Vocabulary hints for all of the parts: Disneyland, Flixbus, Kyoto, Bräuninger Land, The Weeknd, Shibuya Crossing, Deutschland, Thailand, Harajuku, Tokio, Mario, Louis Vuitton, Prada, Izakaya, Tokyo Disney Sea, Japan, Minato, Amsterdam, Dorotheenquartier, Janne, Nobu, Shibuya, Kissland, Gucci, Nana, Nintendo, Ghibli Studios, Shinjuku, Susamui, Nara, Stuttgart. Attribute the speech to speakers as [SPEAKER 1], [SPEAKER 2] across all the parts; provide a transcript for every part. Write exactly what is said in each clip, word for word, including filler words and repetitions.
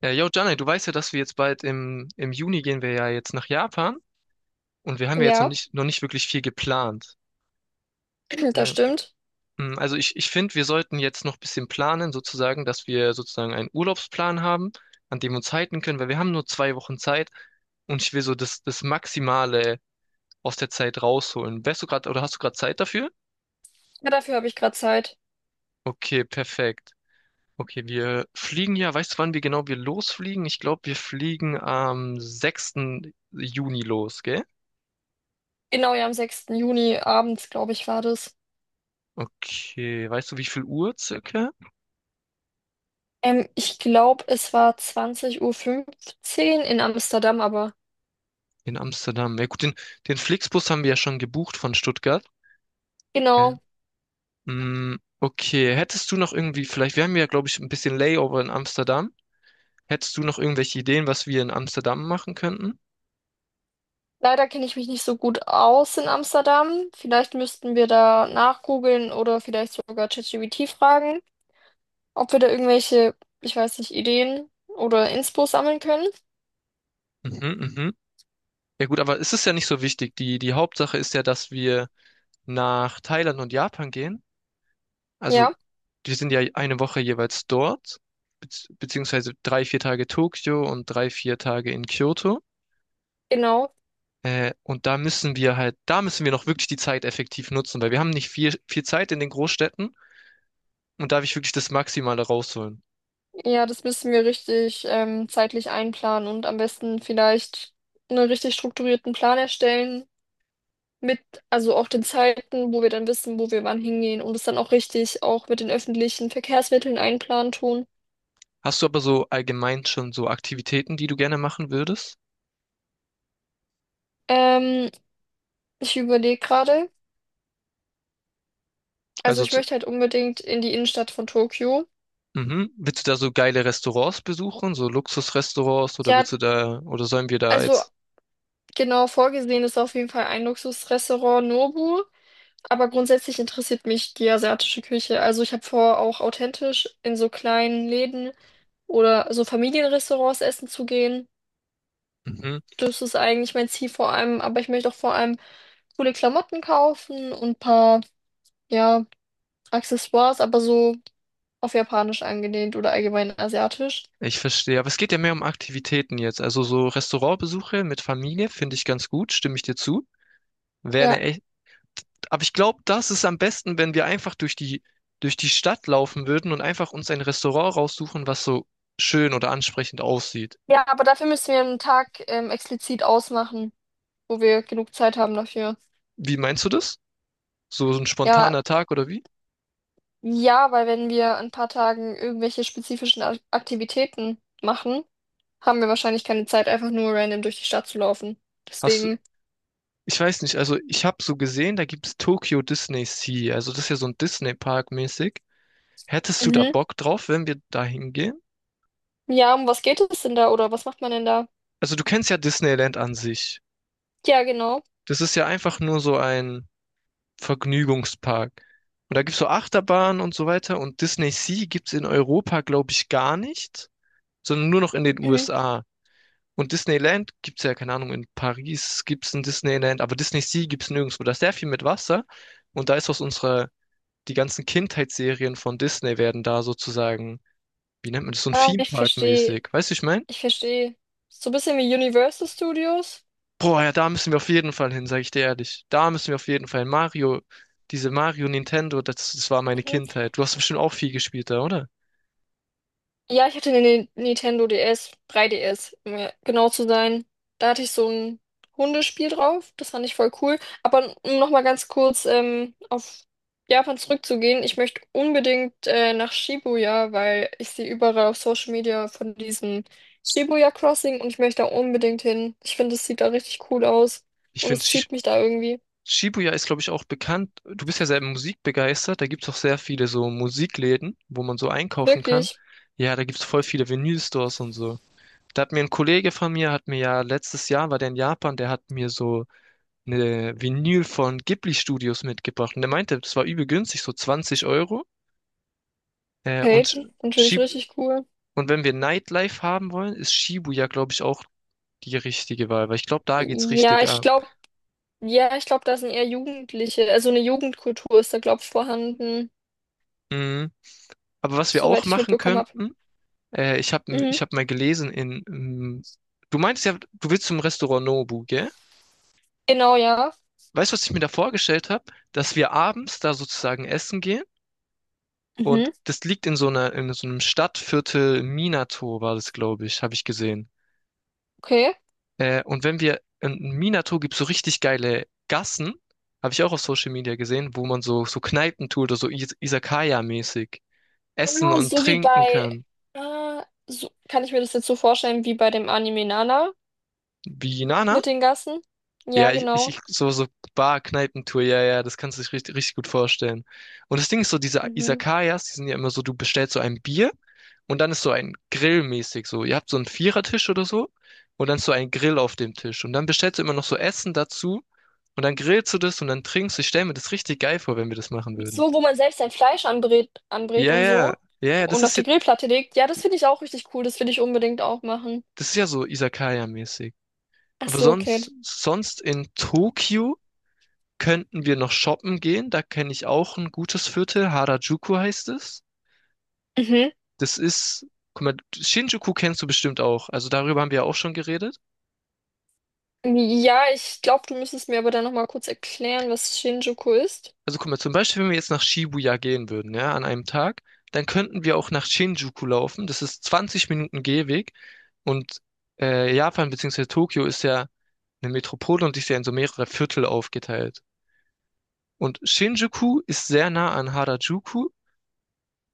[SPEAKER 1] Äh, yo, Janne, du weißt ja, dass wir jetzt bald im, im Juni gehen wir ja jetzt nach Japan und wir haben ja jetzt noch
[SPEAKER 2] Ja,
[SPEAKER 1] nicht, noch nicht wirklich viel geplant.
[SPEAKER 2] das
[SPEAKER 1] Äh,
[SPEAKER 2] stimmt.
[SPEAKER 1] mh, also ich, ich finde, wir sollten jetzt noch ein bisschen planen, sozusagen, dass wir sozusagen einen Urlaubsplan haben, an dem wir uns halten können, weil wir haben nur zwei Wochen Zeit und ich will so das, das Maximale aus der Zeit rausholen. Wärst du gerade oder hast du gerade Zeit dafür?
[SPEAKER 2] Ja, dafür habe ich gerade Zeit.
[SPEAKER 1] Okay, perfekt. Okay, wir fliegen ja, weißt du, wann wir genau wir losfliegen? Ich glaube, wir fliegen am sechsten Juni los, gell?
[SPEAKER 2] Genau, ja, am sechsten Juni abends, glaube ich, war das.
[SPEAKER 1] Okay, weißt du, wie viel Uhr circa?
[SPEAKER 2] Ähm, ich glaube, es war zwanzig Uhr fünfzehn in Amsterdam, aber
[SPEAKER 1] In Amsterdam. Ja gut, den, den Flixbus haben wir ja schon gebucht von Stuttgart. Ja.
[SPEAKER 2] genau.
[SPEAKER 1] Mm, okay, hättest du noch irgendwie, vielleicht, wir haben ja, glaube ich, ein bisschen Layover in Amsterdam. Hättest du noch irgendwelche Ideen, was wir in Amsterdam machen könnten?
[SPEAKER 2] Leider kenne ich mich nicht so gut aus in Amsterdam. Vielleicht müssten wir da nachgoogeln oder vielleicht sogar ChatGPT fragen, ob wir da irgendwelche, ich weiß nicht, Ideen oder Inspo sammeln können.
[SPEAKER 1] Mhm, mhm. Ja gut, aber es ist ja nicht so wichtig. Die, die Hauptsache ist ja, dass wir nach Thailand und Japan gehen. Also,
[SPEAKER 2] Ja,
[SPEAKER 1] wir sind ja eine Woche jeweils dort, bezieh- beziehungsweise drei, vier Tage Tokio und drei, vier Tage in Kyoto.
[SPEAKER 2] genau.
[SPEAKER 1] Äh, und da müssen wir halt, da müssen wir noch wirklich die Zeit effektiv nutzen, weil wir haben nicht viel, viel Zeit in den Großstädten und da will ich wirklich das Maximale rausholen.
[SPEAKER 2] Ja, das müssen wir richtig ähm, zeitlich einplanen und am besten vielleicht einen richtig strukturierten Plan erstellen mit, also auch den Zeiten, wo wir dann wissen, wo wir wann hingehen und es dann auch richtig auch mit den öffentlichen Verkehrsmitteln einplanen tun.
[SPEAKER 1] Hast du aber so allgemein schon so Aktivitäten, die du gerne machen würdest?
[SPEAKER 2] Ähm, Ich überlege gerade, also
[SPEAKER 1] Also,
[SPEAKER 2] ich
[SPEAKER 1] zu-
[SPEAKER 2] möchte halt unbedingt in die Innenstadt von Tokio.
[SPEAKER 1] mhm. Willst du da so geile Restaurants besuchen, so Luxusrestaurants oder
[SPEAKER 2] Ja,
[SPEAKER 1] willst du da, oder sollen wir da
[SPEAKER 2] also
[SPEAKER 1] jetzt?
[SPEAKER 2] genau vorgesehen ist auf jeden Fall ein Luxusrestaurant Nobu. Aber grundsätzlich interessiert mich die asiatische Küche. Also ich habe vor, auch authentisch in so kleinen Läden oder so Familienrestaurants essen zu gehen.
[SPEAKER 1] Mhm.
[SPEAKER 2] Das ist eigentlich mein Ziel vor allem. Aber ich möchte auch vor allem coole Klamotten kaufen und ein paar, ja, Accessoires, aber so auf Japanisch angelehnt oder allgemein asiatisch.
[SPEAKER 1] Ich verstehe, aber es geht ja mehr um Aktivitäten jetzt. Also so Restaurantbesuche mit Familie finde ich ganz gut, stimme ich dir zu. Wäre
[SPEAKER 2] Ja.
[SPEAKER 1] eine, e, aber ich glaube, das ist am besten, wenn wir einfach durch die, durch die Stadt laufen würden und einfach uns ein Restaurant raussuchen, was so schön oder ansprechend aussieht.
[SPEAKER 2] Ja, aber dafür müssen wir einen Tag ähm, explizit ausmachen, wo wir genug Zeit haben dafür.
[SPEAKER 1] Wie meinst du das? So, so ein
[SPEAKER 2] Ja,
[SPEAKER 1] spontaner Tag oder wie?
[SPEAKER 2] ja, weil wenn wir in ein paar Tagen irgendwelche spezifischen Ak- Aktivitäten machen, haben wir wahrscheinlich keine Zeit, einfach nur random durch die Stadt zu laufen.
[SPEAKER 1] Hast du,
[SPEAKER 2] Deswegen,
[SPEAKER 1] ich weiß nicht, also ich habe so gesehen, da gibt es Tokyo Disney Sea, also das ist ja so ein Disney Park mäßig. Hättest du da
[SPEAKER 2] mhm.
[SPEAKER 1] Bock drauf, wenn wir da hingehen?
[SPEAKER 2] Ja, um was geht es denn da oder was macht man denn da?
[SPEAKER 1] Also du kennst ja Disneyland an sich.
[SPEAKER 2] Ja, genau.
[SPEAKER 1] Das ist ja einfach nur so ein Vergnügungspark. Und da gibt's so Achterbahnen und so weiter. Und Disney Sea gibt's in Europa, glaube ich, gar nicht, sondern nur noch in den
[SPEAKER 2] Mhm.
[SPEAKER 1] U S A. Und Disneyland gibt's ja, keine Ahnung, in Paris gibt's ein Disneyland, aber Disney Sea gibt's nirgendwo. Da ist sehr viel mit Wasser. Und da ist aus unserer, die ganzen Kindheitsserien von Disney werden da sozusagen, wie nennt man das, so ein
[SPEAKER 2] Ah,
[SPEAKER 1] Theme
[SPEAKER 2] ich
[SPEAKER 1] Park
[SPEAKER 2] verstehe,
[SPEAKER 1] mäßig. Weißt du, ich meine?
[SPEAKER 2] ich verstehe. So ein bisschen wie Universal Studios.
[SPEAKER 1] Boah, ja, da müssen wir auf jeden Fall hin, sage ich dir ehrlich. Da müssen wir auf jeden Fall hin. Mario, diese Mario Nintendo, das, das war meine
[SPEAKER 2] Mhm.
[SPEAKER 1] Kindheit. Du hast bestimmt auch viel gespielt da, oder?
[SPEAKER 2] Ja, ich hatte eine Ni- Nintendo D S, drei D S, um ja genau zu sein. Da hatte ich so ein Hundespiel drauf. Das fand ich voll cool. Aber um nochmal ganz kurz ähm, auf Japan zurückzugehen, ich möchte unbedingt äh, nach Shibuya, weil ich sehe überall auf Social Media von diesem Shibuya Crossing und ich möchte da unbedingt hin. Ich finde, es sieht da richtig cool aus
[SPEAKER 1] Ich
[SPEAKER 2] und
[SPEAKER 1] finde,
[SPEAKER 2] es zieht mich da irgendwie.
[SPEAKER 1] Shibuya ist, glaube ich, auch bekannt. Du bist ja sehr musikbegeistert. Da gibt's auch sehr viele so Musikläden, wo man so einkaufen kann.
[SPEAKER 2] Wirklich.
[SPEAKER 1] Ja, da gibt's voll viele Vinylstores und so. Da hat mir ein Kollege von mir, hat mir ja letztes Jahr, war der in Japan, der hat mir so eine Vinyl von Ghibli Studios mitgebracht. Und der meinte, das war übel günstig, so zwanzig Euro. Äh, und,
[SPEAKER 2] Kate, natürlich
[SPEAKER 1] Shib
[SPEAKER 2] richtig cool.
[SPEAKER 1] und wenn wir Nightlife haben wollen, ist Shibuya, glaube ich, auch die richtige Wahl, weil ich glaube, da geht's
[SPEAKER 2] Ja,
[SPEAKER 1] richtig
[SPEAKER 2] ich
[SPEAKER 1] ab.
[SPEAKER 2] glaube. Ja, ich glaube, da sind eher Jugendliche, also eine Jugendkultur ist da, glaube ich, vorhanden,
[SPEAKER 1] Mhm. Aber was wir auch
[SPEAKER 2] soweit ich
[SPEAKER 1] machen
[SPEAKER 2] mitbekommen habe.
[SPEAKER 1] könnten, äh, ich habe
[SPEAKER 2] Mhm.
[SPEAKER 1] ich hab mal gelesen in, ähm, du meintest ja, du willst zum Restaurant Nobu, gell?
[SPEAKER 2] Genau, ja.
[SPEAKER 1] Weißt du, was ich mir da vorgestellt habe? Dass wir abends da sozusagen essen gehen. Und
[SPEAKER 2] Mhm.
[SPEAKER 1] das liegt in so einer, in so einem Stadtviertel Minato war das, glaube ich, habe ich gesehen.
[SPEAKER 2] Okay.
[SPEAKER 1] Äh, und wenn wir in Minato gibt es so richtig geile Gassen, habe ich auch auf Social Media gesehen, wo man so, so Kneipen tut oder so Is Izakaya-mäßig essen
[SPEAKER 2] Ah,
[SPEAKER 1] und
[SPEAKER 2] so wie
[SPEAKER 1] trinken
[SPEAKER 2] bei,
[SPEAKER 1] kann.
[SPEAKER 2] ah, so, kann ich mir das jetzt so vorstellen, wie bei dem Anime Nana
[SPEAKER 1] Wie Nana?
[SPEAKER 2] mit den Gassen? Ja,
[SPEAKER 1] Ja, ich, ich,
[SPEAKER 2] genau.
[SPEAKER 1] ich- so, so Bar-Kneipentour, ja, ja, das kannst du dich richtig, richtig gut vorstellen. Und das Ding ist so, diese
[SPEAKER 2] Mhm.
[SPEAKER 1] Izakayas, die sind ja immer so, du bestellst so ein Bier und dann ist so ein Grill mäßig so. Ihr habt so einen Vierertisch oder so und dann ist so ein Grill auf dem Tisch. Und dann bestellst du immer noch so Essen dazu und dann grillst du das und dann trinkst du. Ich stell mir das richtig geil vor, wenn wir das machen würden.
[SPEAKER 2] So, wo man selbst sein Fleisch anbrät, anbrät
[SPEAKER 1] Ja,
[SPEAKER 2] und
[SPEAKER 1] ja,
[SPEAKER 2] so
[SPEAKER 1] ja, ja, das
[SPEAKER 2] und auf
[SPEAKER 1] ist ja,
[SPEAKER 2] die Grillplatte legt. Ja, das finde ich auch richtig cool, das will ich unbedingt auch machen.
[SPEAKER 1] das ist ja so Izakaya-mäßig.
[SPEAKER 2] Ach
[SPEAKER 1] Aber
[SPEAKER 2] so, okay.
[SPEAKER 1] sonst, sonst in Tokio könnten wir noch shoppen gehen. Da kenne ich auch ein gutes Viertel. Harajuku heißt es.
[SPEAKER 2] Mhm.
[SPEAKER 1] Das ist, guck mal, Shinjuku kennst du bestimmt auch. Also darüber haben wir ja auch schon geredet.
[SPEAKER 2] Ja, ich glaube, du müsstest mir aber dann nochmal kurz erklären, was Shinjuku ist.
[SPEAKER 1] Also guck mal, zum Beispiel, wenn wir jetzt nach Shibuya gehen würden, ja, an einem Tag, dann könnten wir auch nach Shinjuku laufen. Das ist zwanzig Minuten Gehweg. Und äh, Japan beziehungsweise. Tokio ist ja eine Metropole und ist ja in so mehrere Viertel aufgeteilt. Und Shinjuku ist sehr nah an Harajuku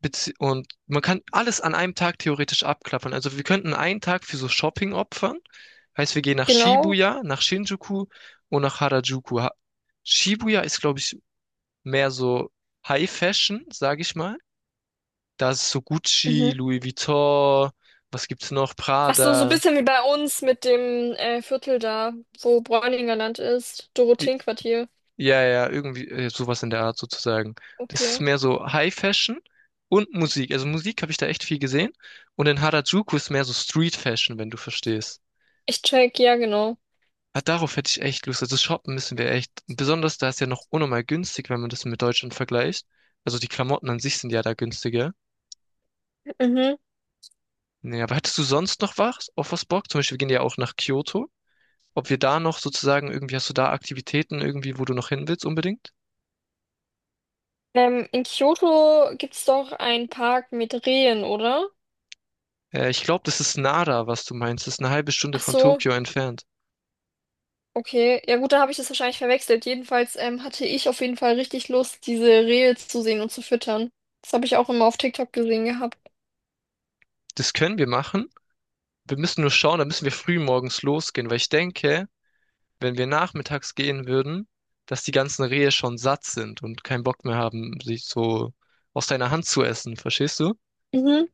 [SPEAKER 1] Bezie und man kann alles an einem Tag theoretisch abklappern. Also wir könnten einen Tag für so Shopping opfern. Heißt, wir gehen nach
[SPEAKER 2] Genau.
[SPEAKER 1] Shibuya, nach Shinjuku und nach Harajuku. Ha Shibuya ist, glaube ich, mehr so High Fashion, sage ich mal. Da ist so Gucci,
[SPEAKER 2] Mhm.
[SPEAKER 1] Louis Vuitton, was gibt's noch?
[SPEAKER 2] Ach so, so ein
[SPEAKER 1] Prada.
[SPEAKER 2] bisschen wie bei uns mit dem äh, Viertel da, wo Bräuninger Land ist.
[SPEAKER 1] Die-
[SPEAKER 2] Dorotheenquartier.
[SPEAKER 1] Ja, ja, irgendwie äh, sowas in der Art sozusagen. Das ist
[SPEAKER 2] Okay.
[SPEAKER 1] mehr so High Fashion und Musik. Also Musik habe ich da echt viel gesehen. Und in Harajuku ist mehr so Street Fashion, wenn du verstehst.
[SPEAKER 2] Ich check, ja, genau.
[SPEAKER 1] Ja, darauf hätte ich echt Lust. Also shoppen müssen wir echt. Besonders da ist ja noch unnormal günstig, wenn man das mit Deutschland vergleicht. Also die Klamotten an sich sind ja da günstiger.
[SPEAKER 2] Mhm.
[SPEAKER 1] Nee, aber hättest du sonst noch was auf was Bock? Zum Beispiel, wir gehen ja auch nach Kyoto. Ob wir da noch sozusagen irgendwie, hast du da Aktivitäten irgendwie, wo du noch hin willst unbedingt?
[SPEAKER 2] Ähm, in Kyoto gibt's doch einen Park mit Rehen, oder?
[SPEAKER 1] Äh, ich glaube, das ist Nara, was du meinst. Das ist eine halbe Stunde
[SPEAKER 2] Ach
[SPEAKER 1] von
[SPEAKER 2] so,
[SPEAKER 1] Tokio entfernt.
[SPEAKER 2] okay. Ja gut, da habe ich das wahrscheinlich verwechselt. Jedenfalls ähm, hatte ich auf jeden Fall richtig Lust, diese Rehe zu sehen und zu füttern. Das habe ich auch immer auf TikTok gesehen gehabt.
[SPEAKER 1] Das können wir machen. Wir müssen nur schauen, da müssen wir früh morgens losgehen, weil ich denke, wenn wir nachmittags gehen würden, dass die ganzen Rehe schon satt sind und keinen Bock mehr haben, sich so aus deiner Hand zu essen, verstehst du?
[SPEAKER 2] Mhm.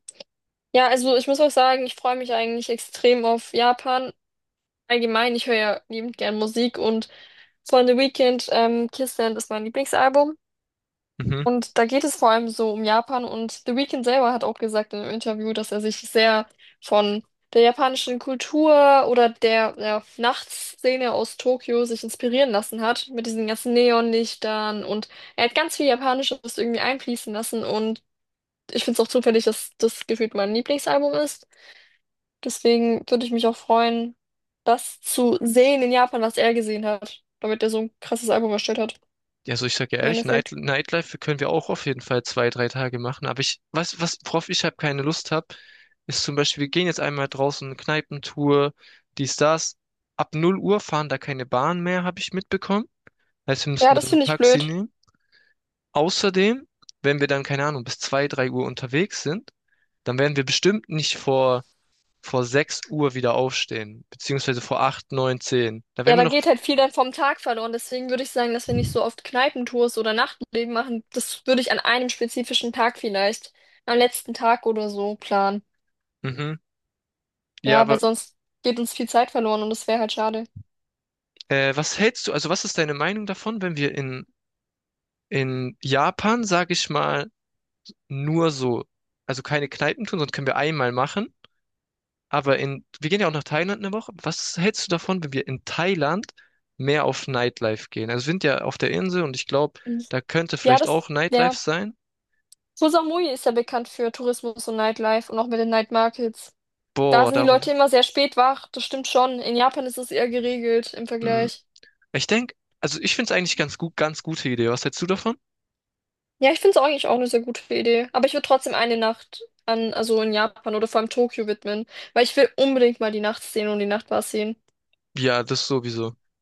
[SPEAKER 2] Ja, also ich muss auch sagen, ich freue mich eigentlich extrem auf Japan. Allgemein, ich höre ja liebend gern Musik und von The Weeknd, ähm, Kissland ist mein Lieblingsalbum.
[SPEAKER 1] Mhm.
[SPEAKER 2] Und da geht es vor allem so um Japan und The Weeknd selber hat auch gesagt in einem Interview, dass er sich sehr von der japanischen Kultur oder der, ja, Nachtszene aus Tokio sich inspirieren lassen hat, mit diesen ganzen Neonlichtern und er hat ganz viel Japanisches irgendwie einfließen lassen und ich finde es auch zufällig, dass das gefühlt mein Lieblingsalbum ist. Deswegen würde ich mich auch freuen, das zu sehen in Japan, was er gesehen hat, damit er so ein krasses Album erstellt hat,
[SPEAKER 1] Ja, also ich sag ja
[SPEAKER 2] im
[SPEAKER 1] ehrlich, Night
[SPEAKER 2] Endeffekt.
[SPEAKER 1] Nightlife können wir auch auf jeden Fall zwei, drei Tage machen. Aber ich, was, was, worauf ich halt keine Lust habe, ist zum Beispiel, wir gehen jetzt einmal draußen, eine Kneipentour, dies, das. Ab null Uhr fahren da keine Bahn mehr, habe ich mitbekommen. Heißt, wir
[SPEAKER 2] Ja,
[SPEAKER 1] müssten
[SPEAKER 2] das
[SPEAKER 1] dann ein
[SPEAKER 2] finde ich
[SPEAKER 1] Taxi
[SPEAKER 2] blöd.
[SPEAKER 1] nehmen. Außerdem, wenn wir dann, keine Ahnung, bis zwei, drei Uhr unterwegs sind, dann werden wir bestimmt nicht vor vor sechs Uhr wieder aufstehen, beziehungsweise vor acht neun zehn. Da wären
[SPEAKER 2] Ja,
[SPEAKER 1] wir
[SPEAKER 2] da
[SPEAKER 1] noch.
[SPEAKER 2] geht halt viel dann vom Tag verloren. Deswegen würde ich sagen, dass wir nicht so oft Kneipentours oder Nachtleben machen. Das würde ich an einem spezifischen Tag vielleicht, am letzten Tag oder so planen.
[SPEAKER 1] Mhm. Ja,
[SPEAKER 2] Ja,
[SPEAKER 1] aber
[SPEAKER 2] weil sonst geht uns viel Zeit verloren und das wäre halt schade.
[SPEAKER 1] äh, was hältst du, also was ist deine Meinung davon, wenn wir in, in Japan, sag ich mal, nur so, also keine Kneipen tun, sonst können wir einmal machen. Aber in, wir gehen ja auch nach Thailand eine Woche. Was hältst du davon, wenn wir in Thailand mehr auf Nightlife gehen? Also wir sind ja auf der Insel und ich glaube, da könnte
[SPEAKER 2] Ja,
[SPEAKER 1] vielleicht
[SPEAKER 2] das,
[SPEAKER 1] auch Nightlife
[SPEAKER 2] ja.
[SPEAKER 1] sein.
[SPEAKER 2] Susamui ist ja bekannt für Tourismus und Nightlife und auch mit den Night Markets. Da
[SPEAKER 1] Boah,
[SPEAKER 2] sind die
[SPEAKER 1] darauf.
[SPEAKER 2] Leute immer sehr spät wach, das stimmt schon. In Japan ist es eher geregelt im
[SPEAKER 1] Mm.
[SPEAKER 2] Vergleich.
[SPEAKER 1] Ich denke, also ich finde es eigentlich ganz gut, ganz gute Idee. Was hältst du davon?
[SPEAKER 2] Ja, ich finde es eigentlich auch eine sehr gute Idee. Aber ich würde trotzdem eine Nacht an, also in Japan oder vor allem Tokio widmen, weil ich will unbedingt mal die Nachtszene und die Nachtbars sehen.
[SPEAKER 1] Ja, das sowieso.